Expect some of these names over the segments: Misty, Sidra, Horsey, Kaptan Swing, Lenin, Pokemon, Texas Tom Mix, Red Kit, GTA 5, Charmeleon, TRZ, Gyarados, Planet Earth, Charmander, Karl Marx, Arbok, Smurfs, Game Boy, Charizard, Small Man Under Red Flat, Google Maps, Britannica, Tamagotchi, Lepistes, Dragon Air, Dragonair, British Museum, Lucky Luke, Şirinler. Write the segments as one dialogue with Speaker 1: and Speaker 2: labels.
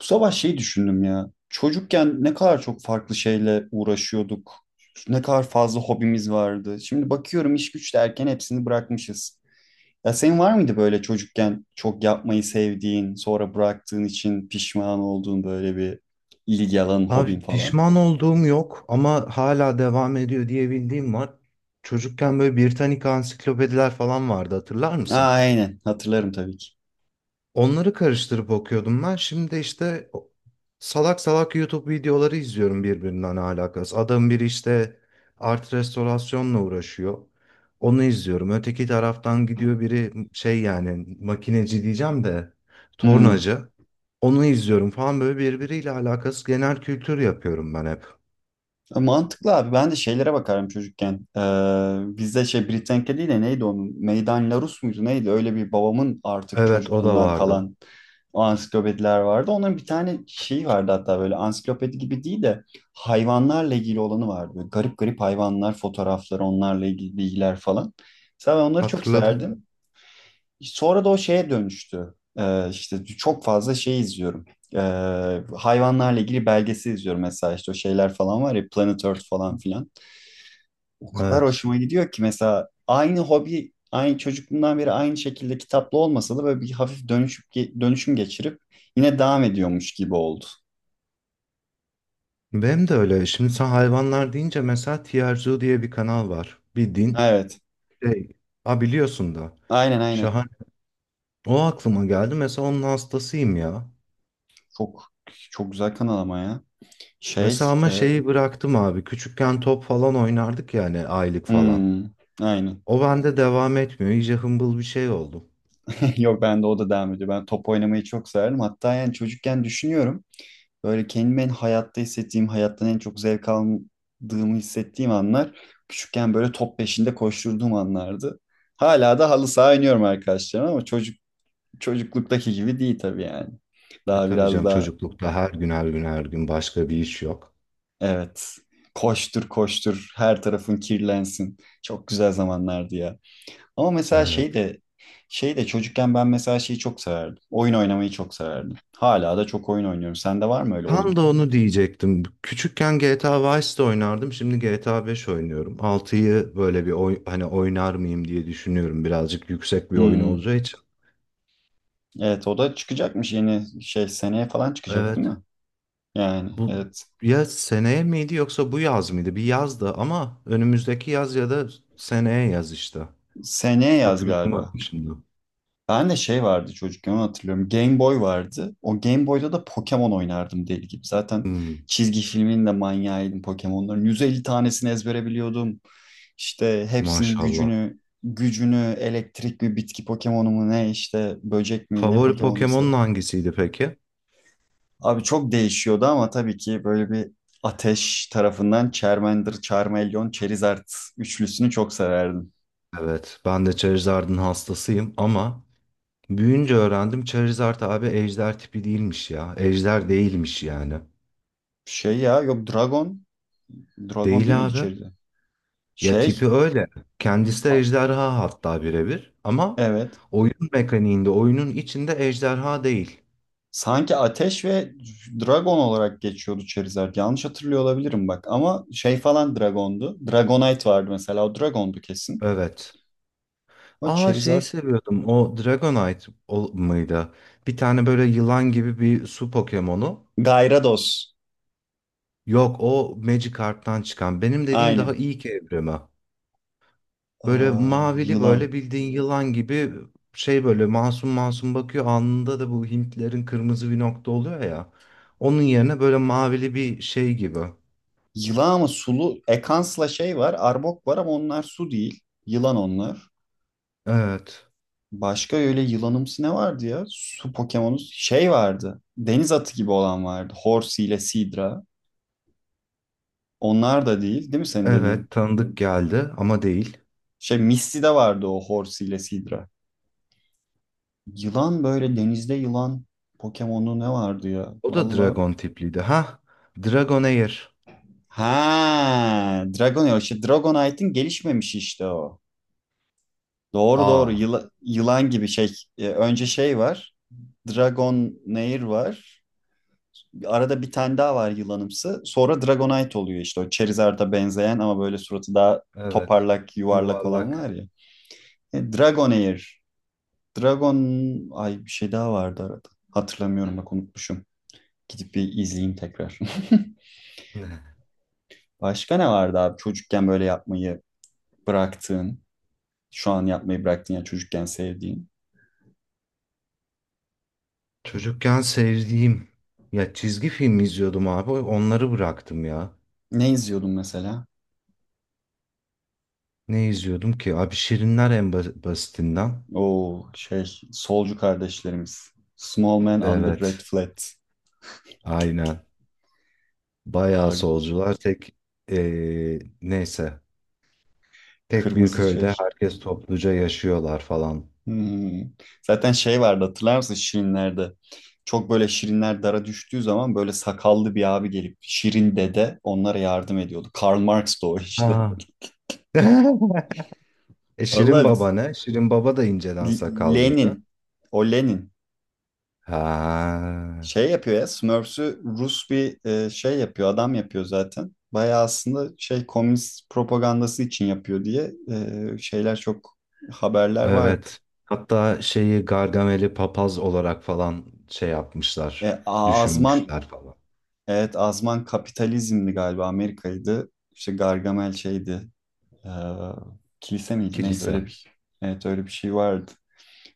Speaker 1: Bu sabah şey düşündüm ya. Çocukken ne kadar çok farklı şeyle uğraşıyorduk. Ne kadar fazla hobimiz vardı. Şimdi bakıyorum iş güç derken hepsini bırakmışız. Ya senin var mıydı böyle çocukken çok yapmayı sevdiğin, sonra bıraktığın için pişman olduğun böyle bir ilgi alanın, hobin
Speaker 2: Abi
Speaker 1: falan?
Speaker 2: pişman olduğum yok ama hala devam ediyor diye bildiğim var. Çocukken böyle Britannica ansiklopediler falan vardı, hatırlar
Speaker 1: Aa,
Speaker 2: mısın?
Speaker 1: aynen hatırlarım tabii ki.
Speaker 2: Onları karıştırıp okuyordum ben. Şimdi işte salak salak YouTube videoları izliyorum, birbirinden alakası. Adam biri işte art restorasyonla uğraşıyor. Onu izliyorum. Öteki taraftan gidiyor biri, şey yani makineci diyeceğim de
Speaker 1: Hmm.
Speaker 2: tornacı. Onu izliyorum falan, böyle birbiriyle alakası, genel kültür yapıyorum ben hep.
Speaker 1: Mantıklı abi. Ben de şeylere bakarım çocukken. Bizde şey Britannica değil de neydi onun? Meydan Larus muydu neydi? Öyle bir babamın artık
Speaker 2: Evet, o da
Speaker 1: çocukluğundan
Speaker 2: vardı.
Speaker 1: kalan o ansiklopediler vardı. Onların bir tane şeyi vardı hatta böyle ansiklopedi gibi değil de hayvanlarla ilgili olanı vardı. Böyle garip garip hayvanlar, fotoğrafları, onlarla ilgili bilgiler falan. Mesela ben onları çok
Speaker 2: Hatırladım.
Speaker 1: severdim. Sonra da o şeye dönüştü. İşte çok fazla şey izliyorum. Ee, hayvanlarla ilgili belgesi izliyorum mesela işte o şeyler falan var ya Planet Earth falan filan. O kadar
Speaker 2: Evet.
Speaker 1: hoşuma gidiyor ki mesela aynı hobi, aynı çocukluğumdan beri aynı şekilde kitaplı olmasa da böyle bir hafif dönüşüm geçirip yine devam ediyormuş gibi oldu.
Speaker 2: Benim de öyle. Şimdi sen hayvanlar deyince mesela TRZ diye bir kanal var, bir din
Speaker 1: Evet.
Speaker 2: şey. Ha, biliyorsun da.
Speaker 1: Aynen aynen.
Speaker 2: Şahane. O aklıma geldi. Mesela onun hastasıyım ya.
Speaker 1: Çok çok güzel kanal ama ya. Şey,
Speaker 2: Mesela ama
Speaker 1: e,
Speaker 2: şeyi bıraktım abi. Küçükken top falan oynardık yani aylık falan.
Speaker 1: hmm, aynen.
Speaker 2: O bende devam etmiyor. İyice hımbıl bir şey oldum.
Speaker 1: Yok bende o da devam ediyor. Ben top oynamayı çok severdim. Hatta yani çocukken düşünüyorum. Böyle kendimi en hayatta hissettiğim, hayattan en çok zevk aldığımı hissettiğim anlar küçükken böyle top peşinde koşturduğum anlardı. Hala da halı saha oynuyorum arkadaşlarım ama çocukluktaki gibi değil tabii yani.
Speaker 2: E
Speaker 1: Daha
Speaker 2: tabii
Speaker 1: biraz
Speaker 2: canım,
Speaker 1: daha
Speaker 2: çocuklukta her gün her gün her gün başka bir iş yok.
Speaker 1: evet, koştur koştur her tarafın kirlensin. Çok güzel zamanlardı ya. Ama mesela
Speaker 2: Evet.
Speaker 1: şey de çocukken ben mesela şeyi çok severdim. Oyun oynamayı çok severdim. Hala da çok oyun oynuyorum. Sende var mı öyle
Speaker 2: Tam
Speaker 1: oyun?
Speaker 2: da onu diyecektim. Küçükken GTA Vice'de oynardım. Şimdi GTA 5 oynuyorum. Altıyı böyle bir hani oynar mıyım diye düşünüyorum. Birazcık yüksek bir oyun
Speaker 1: Hmm.
Speaker 2: olacağı için.
Speaker 1: Evet o da çıkacakmış yeni şey seneye falan çıkacak değil
Speaker 2: Evet.
Speaker 1: mi? Yani
Speaker 2: Bu,
Speaker 1: evet,
Speaker 2: ya seneye miydi yoksa bu yaz mıydı? Bir yazdı ama önümüzdeki yaz ya da seneye yaz işte.
Speaker 1: seneye yaz galiba.
Speaker 2: Hatırlayamadım şimdi.
Speaker 1: Ben de şey vardı çocukken onu hatırlıyorum. Game Boy vardı. O Game Boy'da da Pokemon oynardım deli gibi. Zaten
Speaker 2: Hmm,
Speaker 1: çizgi filmin de manyağıydım Pokemon'ların. 150 tanesini ezbere biliyordum. İşte hepsinin
Speaker 2: maşallah.
Speaker 1: gücünü elektrik mi bitki Pokemon'u mu ne işte böcek mi ne
Speaker 2: Favori Pokemon'un
Speaker 1: Pokemon'uysa.
Speaker 2: hangisiydi peki?
Speaker 1: Abi çok değişiyordu ama tabii ki böyle bir Ateş tarafından Charmander, Charmeleon, Charizard üçlüsünü çok severdim.
Speaker 2: Evet, ben de Charizard'ın hastasıyım ama büyünce öğrendim, Charizard abi ejder tipi değilmiş ya. Ejder değilmiş yani.
Speaker 1: Şey ya yok, Dragon. Dragon değil
Speaker 2: Değil
Speaker 1: miydi
Speaker 2: abi.
Speaker 1: Charizard?
Speaker 2: Ya
Speaker 1: Şey
Speaker 2: tipi öyle. Kendisi de
Speaker 1: a-
Speaker 2: ejderha, hatta birebir. Ama
Speaker 1: evet.
Speaker 2: oyun mekaniğinde, oyunun içinde ejderha değil.
Speaker 1: Sanki Ateş ve Dragon olarak geçiyordu Charizard. Yanlış hatırlıyor olabilirim bak. Ama şey falan Dragon'du. Dragonite vardı mesela. O Dragon'du kesin.
Speaker 2: Evet.
Speaker 1: O
Speaker 2: Aa, şeyi
Speaker 1: Charizard.
Speaker 2: seviyordum. O Dragonite mıydı? Bir tane böyle yılan gibi bir su Pokemon'u.
Speaker 1: Gyarados.
Speaker 2: Yok, o Magikarp'tan çıkan. Benim dediğim daha
Speaker 1: Aynen.
Speaker 2: ilk evrimi. Böyle
Speaker 1: Aa,
Speaker 2: mavili,
Speaker 1: yılan.
Speaker 2: böyle bildiğin yılan gibi şey, böyle masum masum bakıyor. Alnında da bu Hintlerin kırmızı bir nokta oluyor ya. Onun yerine böyle mavili bir şey gibi.
Speaker 1: Yılan ama sulu, Ekans'la şey var. Arbok var ama onlar su değil. Yılan onlar.
Speaker 2: Evet.
Speaker 1: Başka öyle yılanımsı ne vardı ya? Su Pokemon'u şey vardı. Deniz atı gibi olan vardı. Horsey ile Sidra. Onlar da değil, değil mi senin dediğin?
Speaker 2: Evet, tanıdık geldi ama değil.
Speaker 1: Şey Misty'de vardı o Horsey ile Sidra. Yılan böyle denizde yılan Pokemon'u ne vardı ya?
Speaker 2: O da
Speaker 1: Valla.
Speaker 2: dragon tipliydi. Ha? Dragon Air.
Speaker 1: Ha, Dragonair. İşte Dragonite'in gelişmemişi işte o. Doğru doğru.
Speaker 2: Aa.
Speaker 1: Yılan gibi şey. Önce şey var. Dragonair var. Arada bir tane daha var yılanımsı. Sonra Dragonite oluyor işte o Charizard'a benzeyen ama böyle suratı daha
Speaker 2: Evet.
Speaker 1: toparlak, yuvarlak olan var
Speaker 2: Yuvarlak.
Speaker 1: ya. Dragonair. Dragon ay, bir şey daha vardı arada. Hatırlamıyorum bak, unutmuşum. Gidip bir izleyeyim tekrar. Başka ne vardı abi çocukken böyle yapmayı bıraktığın, şu an yapmayı bıraktığın ya çocukken sevdiğin?
Speaker 2: Çocukken sevdiğim. Ya, çizgi film izliyordum abi. Onları bıraktım ya.
Speaker 1: Ne izliyordun mesela?
Speaker 2: Ne izliyordum ki? Abi, Şirinler en basitinden.
Speaker 1: O şey, solcu kardeşlerimiz. Small Man Under Red
Speaker 2: Evet.
Speaker 1: Flat.
Speaker 2: Aynen. Bayağı
Speaker 1: Aa,
Speaker 2: solcular, tek neyse, tek bir
Speaker 1: kırmızı
Speaker 2: köyde
Speaker 1: şey.
Speaker 2: herkes topluca yaşıyorlar falan.
Speaker 1: Hmm. Zaten şey vardı hatırlar mısın Şirinler'de? Çok böyle Şirinler dara düştüğü zaman böyle sakallı bir abi gelip Şirin dede onlara yardım ediyordu. Karl Marx da o işte.
Speaker 2: Ha. E, Şirin
Speaker 1: Vallahi
Speaker 2: Baba ne? Şirin Baba da inceden sakallıydı.
Speaker 1: Lenin. O Lenin.
Speaker 2: Ha,
Speaker 1: Şey yapıyor ya Smurfs'ü Rus bir şey yapıyor adam yapıyor zaten. Bayağı aslında şey, komünist propagandası için yapıyor diye şeyler, çok haberler vardı.
Speaker 2: evet. Hatta şeyi, Gargamel'i papaz olarak falan şey yapmışlar,
Speaker 1: Azman,
Speaker 2: düşünmüşler falan.
Speaker 1: evet Azman kapitalizmdi galiba, Amerika'ydı. İşte Gargamel şeydi, e, kilise miydi neydi,
Speaker 2: Kilise.
Speaker 1: öyle bir evet, öyle bir şey vardı.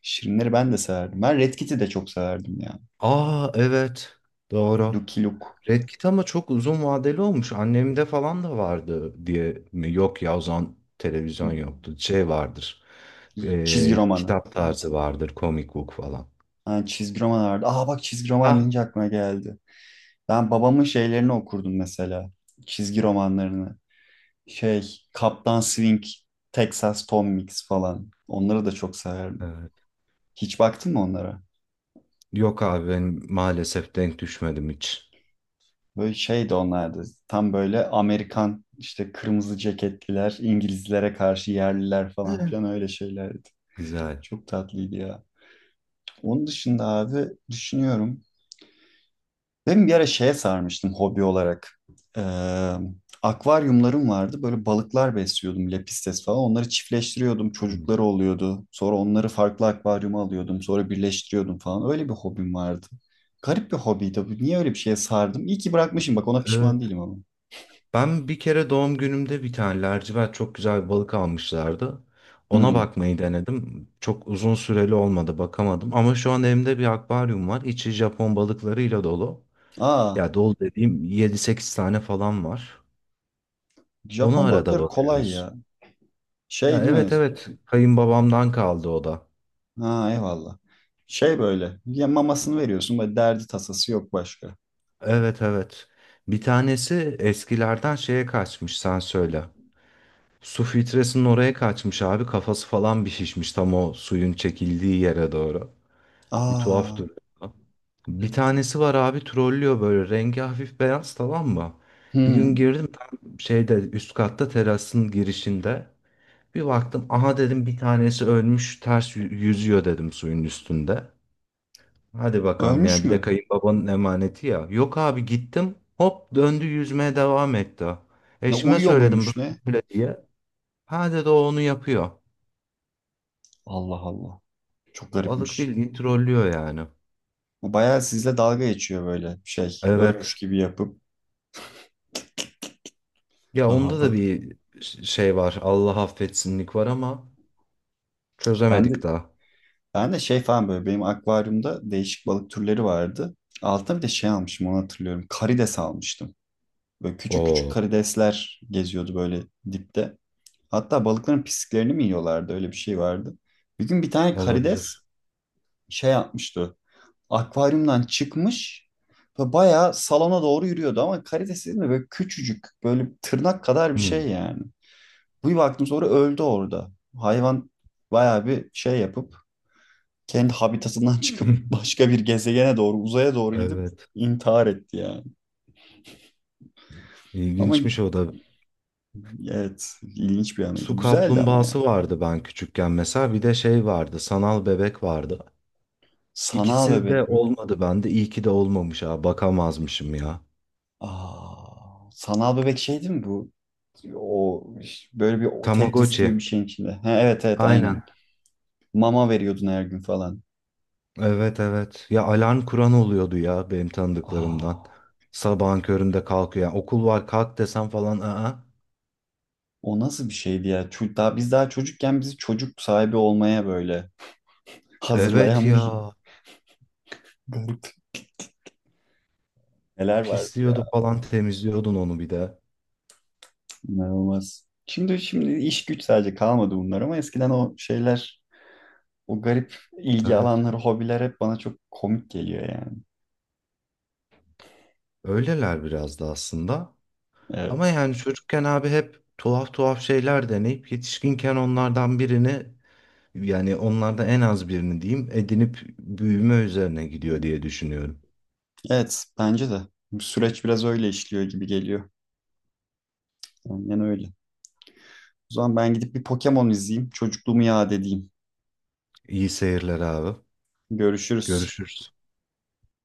Speaker 1: Şirinleri ben de severdim. Ben Red Kit'i de çok severdim ya.
Speaker 2: Aa, evet, doğru.
Speaker 1: Lucky Luke
Speaker 2: Red Kit ama çok uzun vadeli olmuş. Annemde falan da vardı diye mi? Yok ya, o zaman televizyon yoktu. Şey vardır.
Speaker 1: çizgi romanı.
Speaker 2: Kitap tarzı vardır. Comic book falan.
Speaker 1: Ha, çizgi roman vardı. Aa bak, çizgi roman
Speaker 2: Ha,
Speaker 1: deyince aklıma geldi. Ben babamın şeylerini okurdum mesela. Çizgi romanlarını. Şey, Kaptan Swing, Texas Tom Mix falan. Onları da çok severdim.
Speaker 2: evet.
Speaker 1: Hiç baktın mı onlara?
Speaker 2: Yok abi, ben maalesef denk düşmedim hiç.
Speaker 1: Böyle şeydi onlardı. Tam böyle Amerikan işte kırmızı ceketliler, İngilizlere karşı yerliler falan
Speaker 2: Hı.
Speaker 1: filan, öyle şeylerdi.
Speaker 2: Güzel.
Speaker 1: Çok tatlıydı ya. Onun dışında abi düşünüyorum. Ben bir ara şeye sarmıştım hobi olarak. Ee, akvaryumlarım vardı. Böyle balıklar besliyordum. Lepistes falan. Onları çiftleştiriyordum.
Speaker 2: Hı.
Speaker 1: Çocukları oluyordu. Sonra onları farklı akvaryuma alıyordum. Sonra birleştiriyordum falan. Öyle bir hobim vardı. Garip bir hobiydi bu. Niye öyle bir şeye sardım? İyi ki bırakmışım. Bak ona pişman
Speaker 2: Evet.
Speaker 1: değilim ama.
Speaker 2: Ben bir kere doğum günümde bir tane lacivert çok güzel bir balık almışlardı. Ona
Speaker 1: Hmm.
Speaker 2: bakmayı denedim. Çok uzun süreli olmadı, bakamadım. Ama şu an evimde bir akvaryum var. İçi Japon balıklarıyla dolu.
Speaker 1: Aa,
Speaker 2: Ya, dolu dediğim yedi sekiz tane falan var. Ona
Speaker 1: Japon
Speaker 2: arada
Speaker 1: balıkları kolay
Speaker 2: bakıyoruz.
Speaker 1: ya. Şey
Speaker 2: Ya
Speaker 1: değil mi?
Speaker 2: evet, evet, kayınbabamdan kaldı o da.
Speaker 1: Ha eyvallah. Şey böyle. Ya mamasını veriyorsun. Böyle derdi tasası yok başka.
Speaker 2: Evet, evet. Bir tanesi eskilerden şeye kaçmış sen söyle. Su filtresinin oraya kaçmış abi, kafası falan bir şişmiş tam o suyun çekildiği yere doğru. Bir tuhaf
Speaker 1: Aa.
Speaker 2: duruyor. Bir tanesi var abi, trollüyor, böyle rengi hafif beyaz, tamam mı? Bir gün
Speaker 1: Hmm.
Speaker 2: girdim tam şeyde, üst katta terasın girişinde. Bir baktım, aha dedim bir tanesi ölmüş, ters yüzüyor dedim suyun üstünde. Hadi bakalım
Speaker 1: Ölmüş
Speaker 2: yani, bir de
Speaker 1: mü?
Speaker 2: kayınbabanın emaneti ya. Yok abi, gittim hop döndü, yüzmeye devam etti.
Speaker 1: Ne,
Speaker 2: Eşime
Speaker 1: uyuyor
Speaker 2: söyledim
Speaker 1: muymuş
Speaker 2: böyle
Speaker 1: ne?
Speaker 2: böyle diye. Ha dedi, o onu yapıyor.
Speaker 1: Allah Allah. Çok
Speaker 2: Balık
Speaker 1: garipmiş.
Speaker 2: bildiğin trollüyor yani.
Speaker 1: Bu bayağı sizle dalga geçiyor böyle şey. Ölmüş
Speaker 2: Evet.
Speaker 1: gibi yapıp.
Speaker 2: Ya
Speaker 1: Aa,
Speaker 2: onda da
Speaker 1: balık.
Speaker 2: bir şey var. Allah affetsinlik var ama
Speaker 1: Ben de,
Speaker 2: çözemedik daha.
Speaker 1: ben de şey falan böyle benim akvaryumda değişik balık türleri vardı. Altına bir de şey almışım onu hatırlıyorum. Karides almıştım. Böyle küçük küçük
Speaker 2: Oo.
Speaker 1: karidesler geziyordu böyle dipte. Hatta balıkların pisliklerini mi yiyorlardı, öyle bir şey vardı. Bir gün bir tane
Speaker 2: Olabilir.
Speaker 1: karides şey yapmıştı. Akvaryumdan çıkmış ve bayağı salona doğru yürüyordu ama karides değil mi? Böyle küçücük, böyle tırnak kadar bir
Speaker 2: Hmm.
Speaker 1: şey yani. Bir baktım sonra öldü orada. Hayvan bayağı bir şey yapıp kendi habitatından çıkıp başka bir gezegene doğru, uzaya doğru gidip
Speaker 2: Evet.
Speaker 1: intihar etti yani. Ama
Speaker 2: İlginçmiş o da.
Speaker 1: evet, ilginç bir anıydı.
Speaker 2: Su
Speaker 1: Güzeldi ama ya.
Speaker 2: kaplumbağası vardı ben küçükken mesela. Bir de şey vardı, sanal bebek vardı.
Speaker 1: Sanal
Speaker 2: İkisi de
Speaker 1: bebek mi?
Speaker 2: olmadı bende. İyi ki de olmamış ha. Bakamazmışım ya.
Speaker 1: Aa, sanal bebek şey değil mi bu? O böyle bir, o Tetris
Speaker 2: Tamagotchi.
Speaker 1: gibi bir şeyin içinde. Ha, evet evet aynen.
Speaker 2: Aynen.
Speaker 1: Mama veriyordun her gün falan.
Speaker 2: Evet, evet. Ya alarm kuran oluyordu ya benim tanıdıklarımdan.
Speaker 1: Aa,
Speaker 2: Sabahın köründe kalkıyor. Yani okul var kalk desem falan. Aa.
Speaker 1: o nasıl bir şeydi ya? Daha, biz daha çocukken bizi çocuk sahibi olmaya böyle
Speaker 2: Evet
Speaker 1: hazırlayan bir
Speaker 2: ya.
Speaker 1: garip, neler vardı
Speaker 2: Pisliyordu
Speaker 1: ya.
Speaker 2: falan, temizliyordun onu bir de.
Speaker 1: İnanılmaz. Şimdi iş güç sadece kalmadı bunlar ama eskiden o şeyler, o garip ilgi
Speaker 2: Evet.
Speaker 1: alanları, hobiler hep bana çok komik geliyor yani.
Speaker 2: Öyleler biraz da aslında. Ama
Speaker 1: Evet.
Speaker 2: yani çocukken abi hep tuhaf tuhaf şeyler deneyip, yetişkinken onlardan birini, yani onlardan en az birini diyeyim, edinip büyüme üzerine gidiyor diye düşünüyorum.
Speaker 1: Evet, bence de. Bu süreç biraz öyle işliyor gibi geliyor. Aynen öyle. O zaman ben gidip bir Pokemon izleyeyim. Çocukluğumu yad edeyim.
Speaker 2: İyi seyirler abi.
Speaker 1: Görüşürüz.
Speaker 2: Görüşürüz.